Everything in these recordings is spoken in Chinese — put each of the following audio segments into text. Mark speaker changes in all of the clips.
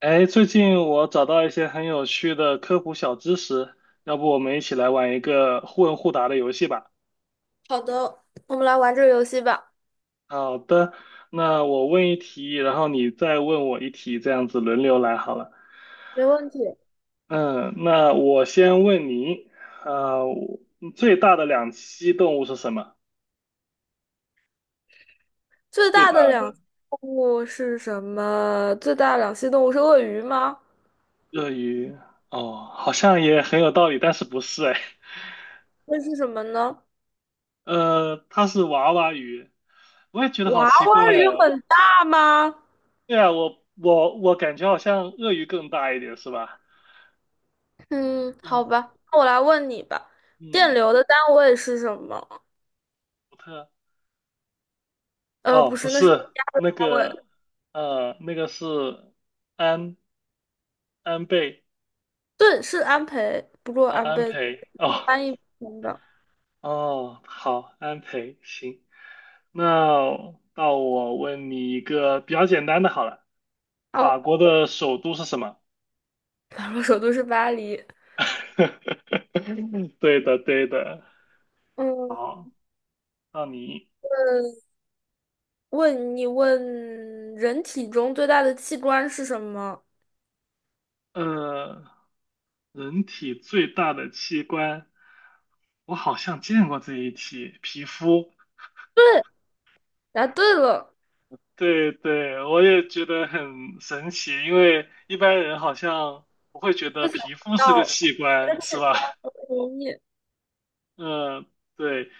Speaker 1: 哎，最近我找到一些很有趣的科普小知识，要不我们一起来玩一个互问互答的游戏吧？
Speaker 2: 好的，我们来玩这个游戏吧。
Speaker 1: 好的，那我问一题，然后你再问我一题，这样子轮流来好了。
Speaker 2: 没问题。
Speaker 1: 嗯，那我先问你，呃，我最大的两栖动物是什么？
Speaker 2: 最
Speaker 1: 最
Speaker 2: 大
Speaker 1: 大
Speaker 2: 的两栖
Speaker 1: 的
Speaker 2: 动物是什么？最大的两栖动物是鳄鱼吗？
Speaker 1: 鳄鱼，哦，好像也很有道理，但是不是哎，
Speaker 2: 那是什么呢？
Speaker 1: 它是娃娃鱼，我也觉得好
Speaker 2: 娃
Speaker 1: 奇怪
Speaker 2: 娃鱼
Speaker 1: 哦。
Speaker 2: 很大吗？
Speaker 1: 对啊，我感觉好像鳄鱼更大一点，是吧？
Speaker 2: 嗯，
Speaker 1: 嗯，
Speaker 2: 好吧，那我来问你吧。电
Speaker 1: 嗯，
Speaker 2: 流的单位是什么？
Speaker 1: 福特，哦，
Speaker 2: 不
Speaker 1: 不
Speaker 2: 是，那是
Speaker 1: 是
Speaker 2: 压的
Speaker 1: 那
Speaker 2: 单
Speaker 1: 个，
Speaker 2: 位。
Speaker 1: 那个是安安倍，
Speaker 2: 对，是安培，不过安
Speaker 1: 安
Speaker 2: 培
Speaker 1: 培，哦
Speaker 2: 翻译成同吧。
Speaker 1: 哦，好，安培，行，那到我问你一个比较简单的好了，法
Speaker 2: 哦，
Speaker 1: 国的首都是什么？
Speaker 2: 法国首都是巴黎。
Speaker 1: 对的，对的，
Speaker 2: 嗯，
Speaker 1: 好，那你，
Speaker 2: 呃问人体中最大的器官是什么？
Speaker 1: 呃，人体最大的器官，我好像见过这一题，皮肤。
Speaker 2: 对，答对了，
Speaker 1: 对对，我也觉得很神奇，因为一般人好像不会觉得皮肤是个
Speaker 2: 到
Speaker 1: 器
Speaker 2: 这
Speaker 1: 官，
Speaker 2: 个
Speaker 1: 是
Speaker 2: 器
Speaker 1: 吧？
Speaker 2: 官很容易，
Speaker 1: 嗯，对，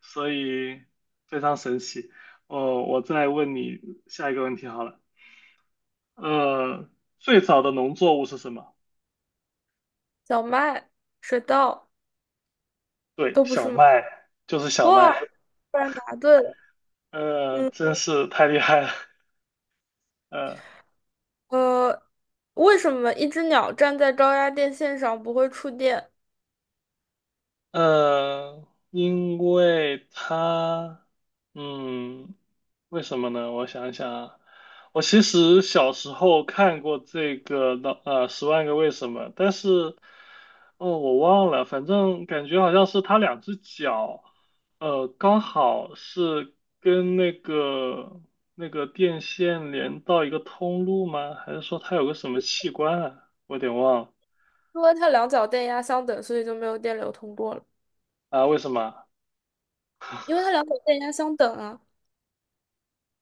Speaker 1: 所以非常神奇。哦，我再问你下一个问题好了。呃，最早的农作物是什么？
Speaker 2: 小麦、水稻
Speaker 1: 对，
Speaker 2: 都不是
Speaker 1: 小
Speaker 2: 吗？
Speaker 1: 麦，就是小麦。
Speaker 2: 哇，突然答对了。
Speaker 1: 呃，
Speaker 2: 嗯，
Speaker 1: 真是太厉害了。呃。
Speaker 2: 呃，为什么一只鸟站在高压电线上不会触电？
Speaker 1: 呃，因为他，嗯，为什么呢？我想想啊，我其实小时候看过这个的，呃，《十万个为什么》，但是，哦，我忘了，反正感觉好像是他两只脚，呃，刚好是跟那个电线连到一个通路吗？还是说他有个什么器官啊？我有点忘了。
Speaker 2: 因为它两脚电压相等，所以就没有电流通过了。
Speaker 1: 啊，为什么啊？
Speaker 2: 因为它两脚电压相等啊。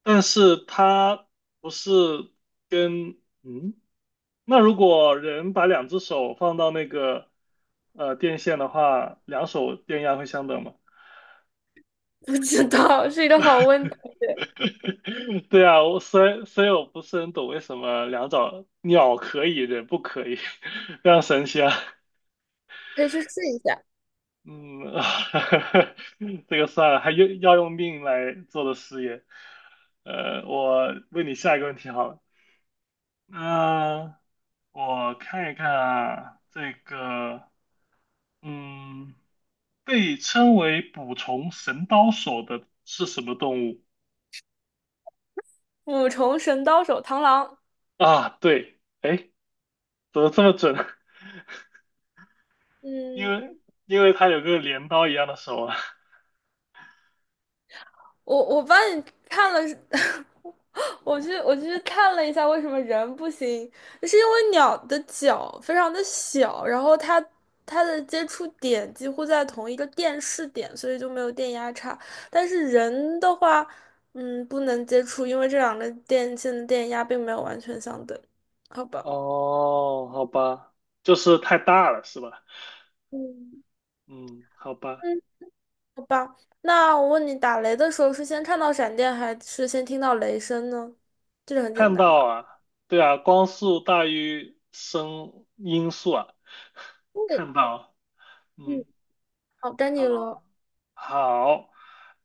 Speaker 1: 但是它不是跟嗯，那如果人把两只手放到那个呃电线的话，两手电压会相等吗？
Speaker 2: 不知道 是一个好问题，
Speaker 1: 对啊，我虽然不是很懂为什么两爪鸟可以，人不可以，非常神奇啊。
Speaker 2: 可以去试一下。
Speaker 1: 嗯，这个算了，还用要用命来做的事业。我问你下一个问题好了。啊、我看一看啊，这个，嗯，被称为捕虫神刀手的是什么动物
Speaker 2: 五重神刀手螳螂，
Speaker 1: 啊？对，哎，怎么这么准？因为
Speaker 2: 嗯。
Speaker 1: 因为它有个镰刀一样的手啊。
Speaker 2: 我帮你看了，我去看了一下为什么人不行，是因为鸟的脚非常的小，然后它的接触点几乎在同一个电势点，所以就没有电压差。但是人的话，不能接触，因为这两个电线的电压并没有完全相等，好吧？
Speaker 1: 哦，好吧，就是太大了，是吧？
Speaker 2: 嗯
Speaker 1: 嗯，好吧，
Speaker 2: 嗯，好吧。那我问你，打雷的时候是先看到闪电，还是先听到雷声呢？这个很简
Speaker 1: 看
Speaker 2: 单
Speaker 1: 到
Speaker 2: 吧？
Speaker 1: 啊，对啊，光速大于声音速啊，看到，
Speaker 2: 嗯。
Speaker 1: 嗯，
Speaker 2: 哦，丹尼罗，
Speaker 1: 好。好，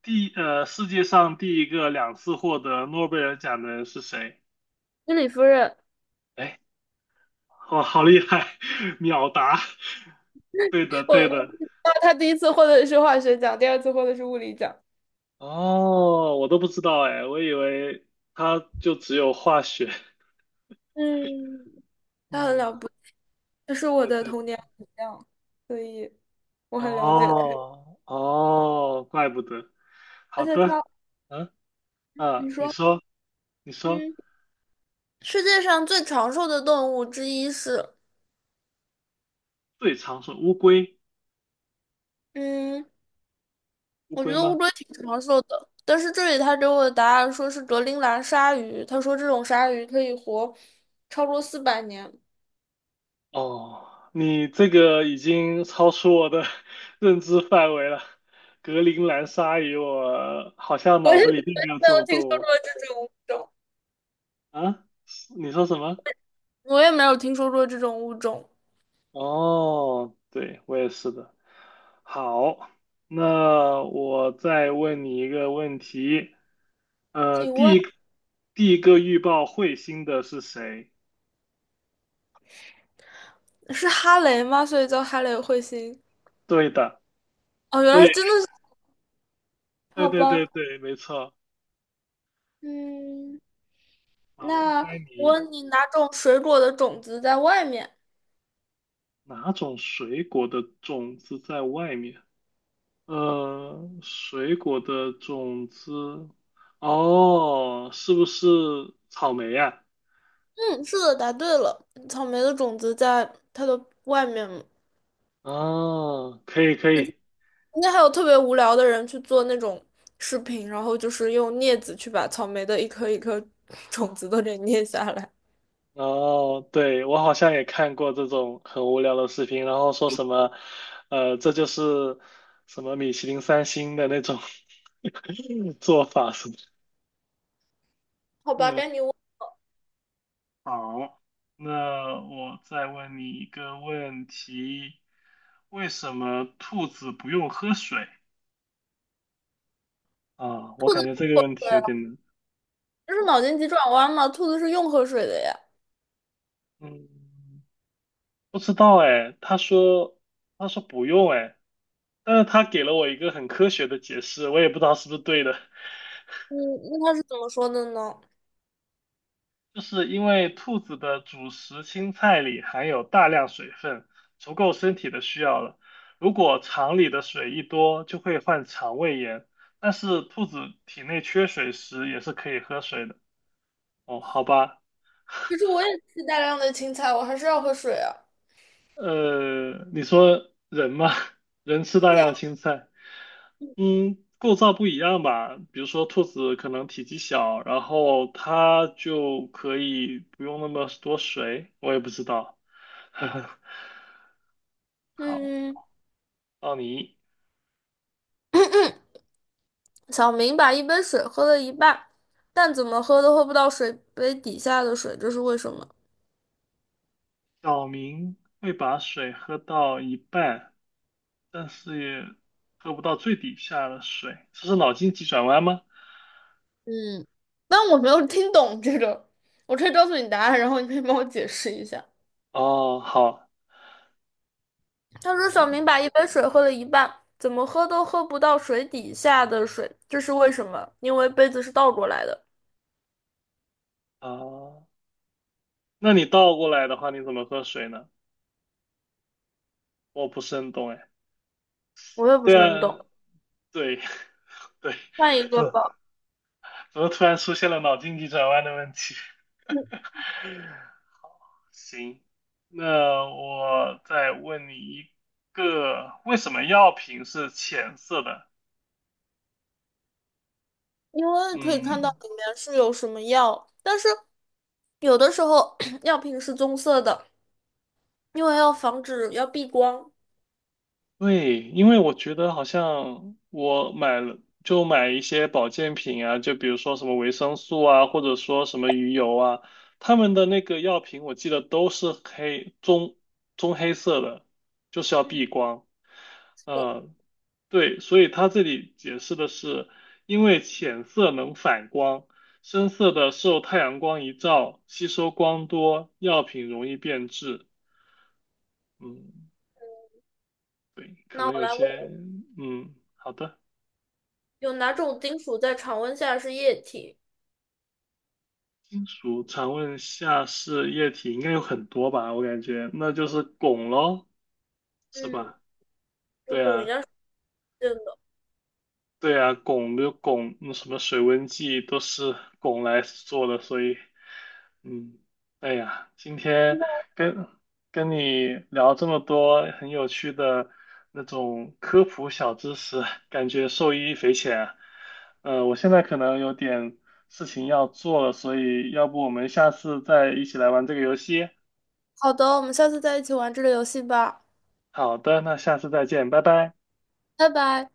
Speaker 1: 世界上第一个两次获得诺贝尔奖的人是谁？
Speaker 2: 居里夫人，
Speaker 1: 哎，哇，好厉害，秒答。对的，对
Speaker 2: 我，
Speaker 1: 的。
Speaker 2: 那他第一次获得的是化学奖，第二次获得是物理奖。
Speaker 1: 哦，我都不知道哎，我以为他就只有化学。
Speaker 2: 嗯，他很
Speaker 1: 嗯，
Speaker 2: 了不起，他是我
Speaker 1: 对
Speaker 2: 的
Speaker 1: 对。
Speaker 2: 童年偶像，所以我很了解他。
Speaker 1: 哦哦，怪不得。
Speaker 2: 而
Speaker 1: 好
Speaker 2: 且
Speaker 1: 的，
Speaker 2: 他，
Speaker 1: 嗯
Speaker 2: 你
Speaker 1: 你
Speaker 2: 说，
Speaker 1: 说你说，
Speaker 2: 嗯，世界上最长寿的动物之一是，
Speaker 1: 最常说乌龟，
Speaker 2: 嗯，
Speaker 1: 乌
Speaker 2: 我觉
Speaker 1: 龟
Speaker 2: 得乌
Speaker 1: 吗？
Speaker 2: 龟挺长寿的，但是这里他给我的答案说是格陵兰鲨鱼，他说这种鲨鱼可以活超过400年，
Speaker 1: 哦，你这个已经超出我的 认知范围了。格陵兰鲨鱼，我好像
Speaker 2: 我
Speaker 1: 脑
Speaker 2: 是
Speaker 1: 子里并
Speaker 2: 没
Speaker 1: 没有这
Speaker 2: 有
Speaker 1: 种
Speaker 2: 听
Speaker 1: 动
Speaker 2: 说过
Speaker 1: 物。
Speaker 2: 这种物种。
Speaker 1: 啊，你说什么？
Speaker 2: 我也没有听说过这种物种。
Speaker 1: 哦，对，我也是的。好，那我再问你一个问题。呃，
Speaker 2: 请
Speaker 1: 第
Speaker 2: 问
Speaker 1: 一第一个预报彗星的是谁？
Speaker 2: 是哈雷吗？所以叫哈雷彗星。
Speaker 1: 对的，
Speaker 2: 哦，原
Speaker 1: 对，
Speaker 2: 来真的是，
Speaker 1: 对
Speaker 2: 好
Speaker 1: 对对
Speaker 2: 吧。
Speaker 1: 对，没错。
Speaker 2: 嗯，
Speaker 1: 好，
Speaker 2: 那
Speaker 1: 该
Speaker 2: 我
Speaker 1: 你。
Speaker 2: 问你，哪种水果的种子在外面？
Speaker 1: 哪种水果的种子在外面？呃，水果的种子，哦，是不是草莓呀、
Speaker 2: 嗯，是的，答对了。草莓的种子在它的外面嘛。
Speaker 1: 啊哦，可以可以。
Speaker 2: 那还有特别无聊的人去做那种视频，然后就是用镊子去把草莓的一颗一颗 种子都给捏下来。
Speaker 1: 哦，对，我好像也看过这种很无聊的视频，然后说什么，这就是什么米其林三星的那种 做法什么的。
Speaker 2: 好吧，
Speaker 1: 嗯，
Speaker 2: 该你问我
Speaker 1: 好，那我再问你一个问题：为什么兔子不用喝水？啊，我感觉这个问题有点
Speaker 2: 了。
Speaker 1: 难。
Speaker 2: 这是脑筋急转弯吗？兔子是用喝水的呀。
Speaker 1: 嗯，不知道哎，他说不用哎，但是他给了我一个很科学的解释，我也不知道是不是对的。
Speaker 2: 嗯，那他是怎么说的呢？
Speaker 1: 就是因为兔子的主食青菜里含有大量水分，足够身体的需要了。如果肠里的水一多，就会患肠胃炎。但是兔子体内缺水时也是可以喝水的。哦，好吧，
Speaker 2: 就是我也吃大量的青菜，我还是要喝水啊。
Speaker 1: 你说人嘛，人吃大
Speaker 2: 对呀，
Speaker 1: 量青菜，嗯，构造不一样吧？比如说兔子可能体积小，然后它就可以不用那么多水，我也不知道。好。
Speaker 2: 嗯，
Speaker 1: 奥尼，
Speaker 2: 小明把一杯水喝了一半，但怎么喝都喝不到水杯底下的水，这是为什么？
Speaker 1: 小明会把水喝到一半，但是也喝不到最底下的水，这是脑筋急转弯吗？
Speaker 2: 嗯，但我没有听懂这个，我可以告诉你答案，然后你可以帮我解释一下。
Speaker 1: 哦，好，
Speaker 2: 他说小
Speaker 1: 嗯，
Speaker 2: 明把一杯水喝了一半，怎么喝都喝不到水底下的水，这是为什么？因为杯子是倒过来的。
Speaker 1: 哦，那你倒过来的话，你怎么喝水呢？我不是很懂哎。
Speaker 2: 我也不
Speaker 1: 对
Speaker 2: 是很
Speaker 1: 啊，
Speaker 2: 懂，
Speaker 1: 对 对，
Speaker 2: 换一
Speaker 1: 怎
Speaker 2: 个
Speaker 1: 么
Speaker 2: 吧。
Speaker 1: 怎么突然出现了脑筋急转弯的问题？行，那我再问你一个，为什么药品是浅色的？
Speaker 2: 因为可以看到
Speaker 1: 嗯。
Speaker 2: 里面是有什么药，但是有的时候 药瓶是棕色的，因为要防止要避光。
Speaker 1: 对，因为我觉得好像我买了就买一些保健品啊，就比如说什么维生素啊，或者说什么鱼油啊，他们的那个药品我记得都是棕黑色的，就是要避
Speaker 2: 嗯
Speaker 1: 光。
Speaker 2: 是的，
Speaker 1: 嗯，对，所以他这里解释的是，因为浅色能反光，深色的受太阳光一照，吸收光多，药品容易变质。嗯，对，可
Speaker 2: 那
Speaker 1: 能
Speaker 2: 我
Speaker 1: 有
Speaker 2: 来
Speaker 1: 些，
Speaker 2: 问
Speaker 1: 嗯，好的。
Speaker 2: 有哪种金属在常温下是液体？
Speaker 1: 金属常温下是液体，应该有很多吧？我感觉那就是汞喽，是
Speaker 2: 嗯，
Speaker 1: 吧？
Speaker 2: 这
Speaker 1: 对
Speaker 2: 种应
Speaker 1: 啊，
Speaker 2: 该是不见的。
Speaker 1: 对啊，汞就汞，那什么水温计都是汞来做的，所以嗯，哎呀，今天跟跟你聊这么多很有趣的那种科普小知识，感觉受益匪浅啊。我现在可能有点事情要做了，所以要不我们下次再一起来玩这个游戏？
Speaker 2: 好的，我们下次再一起玩这个游戏吧，
Speaker 1: 好的，那下次再见，拜拜。
Speaker 2: 拜拜。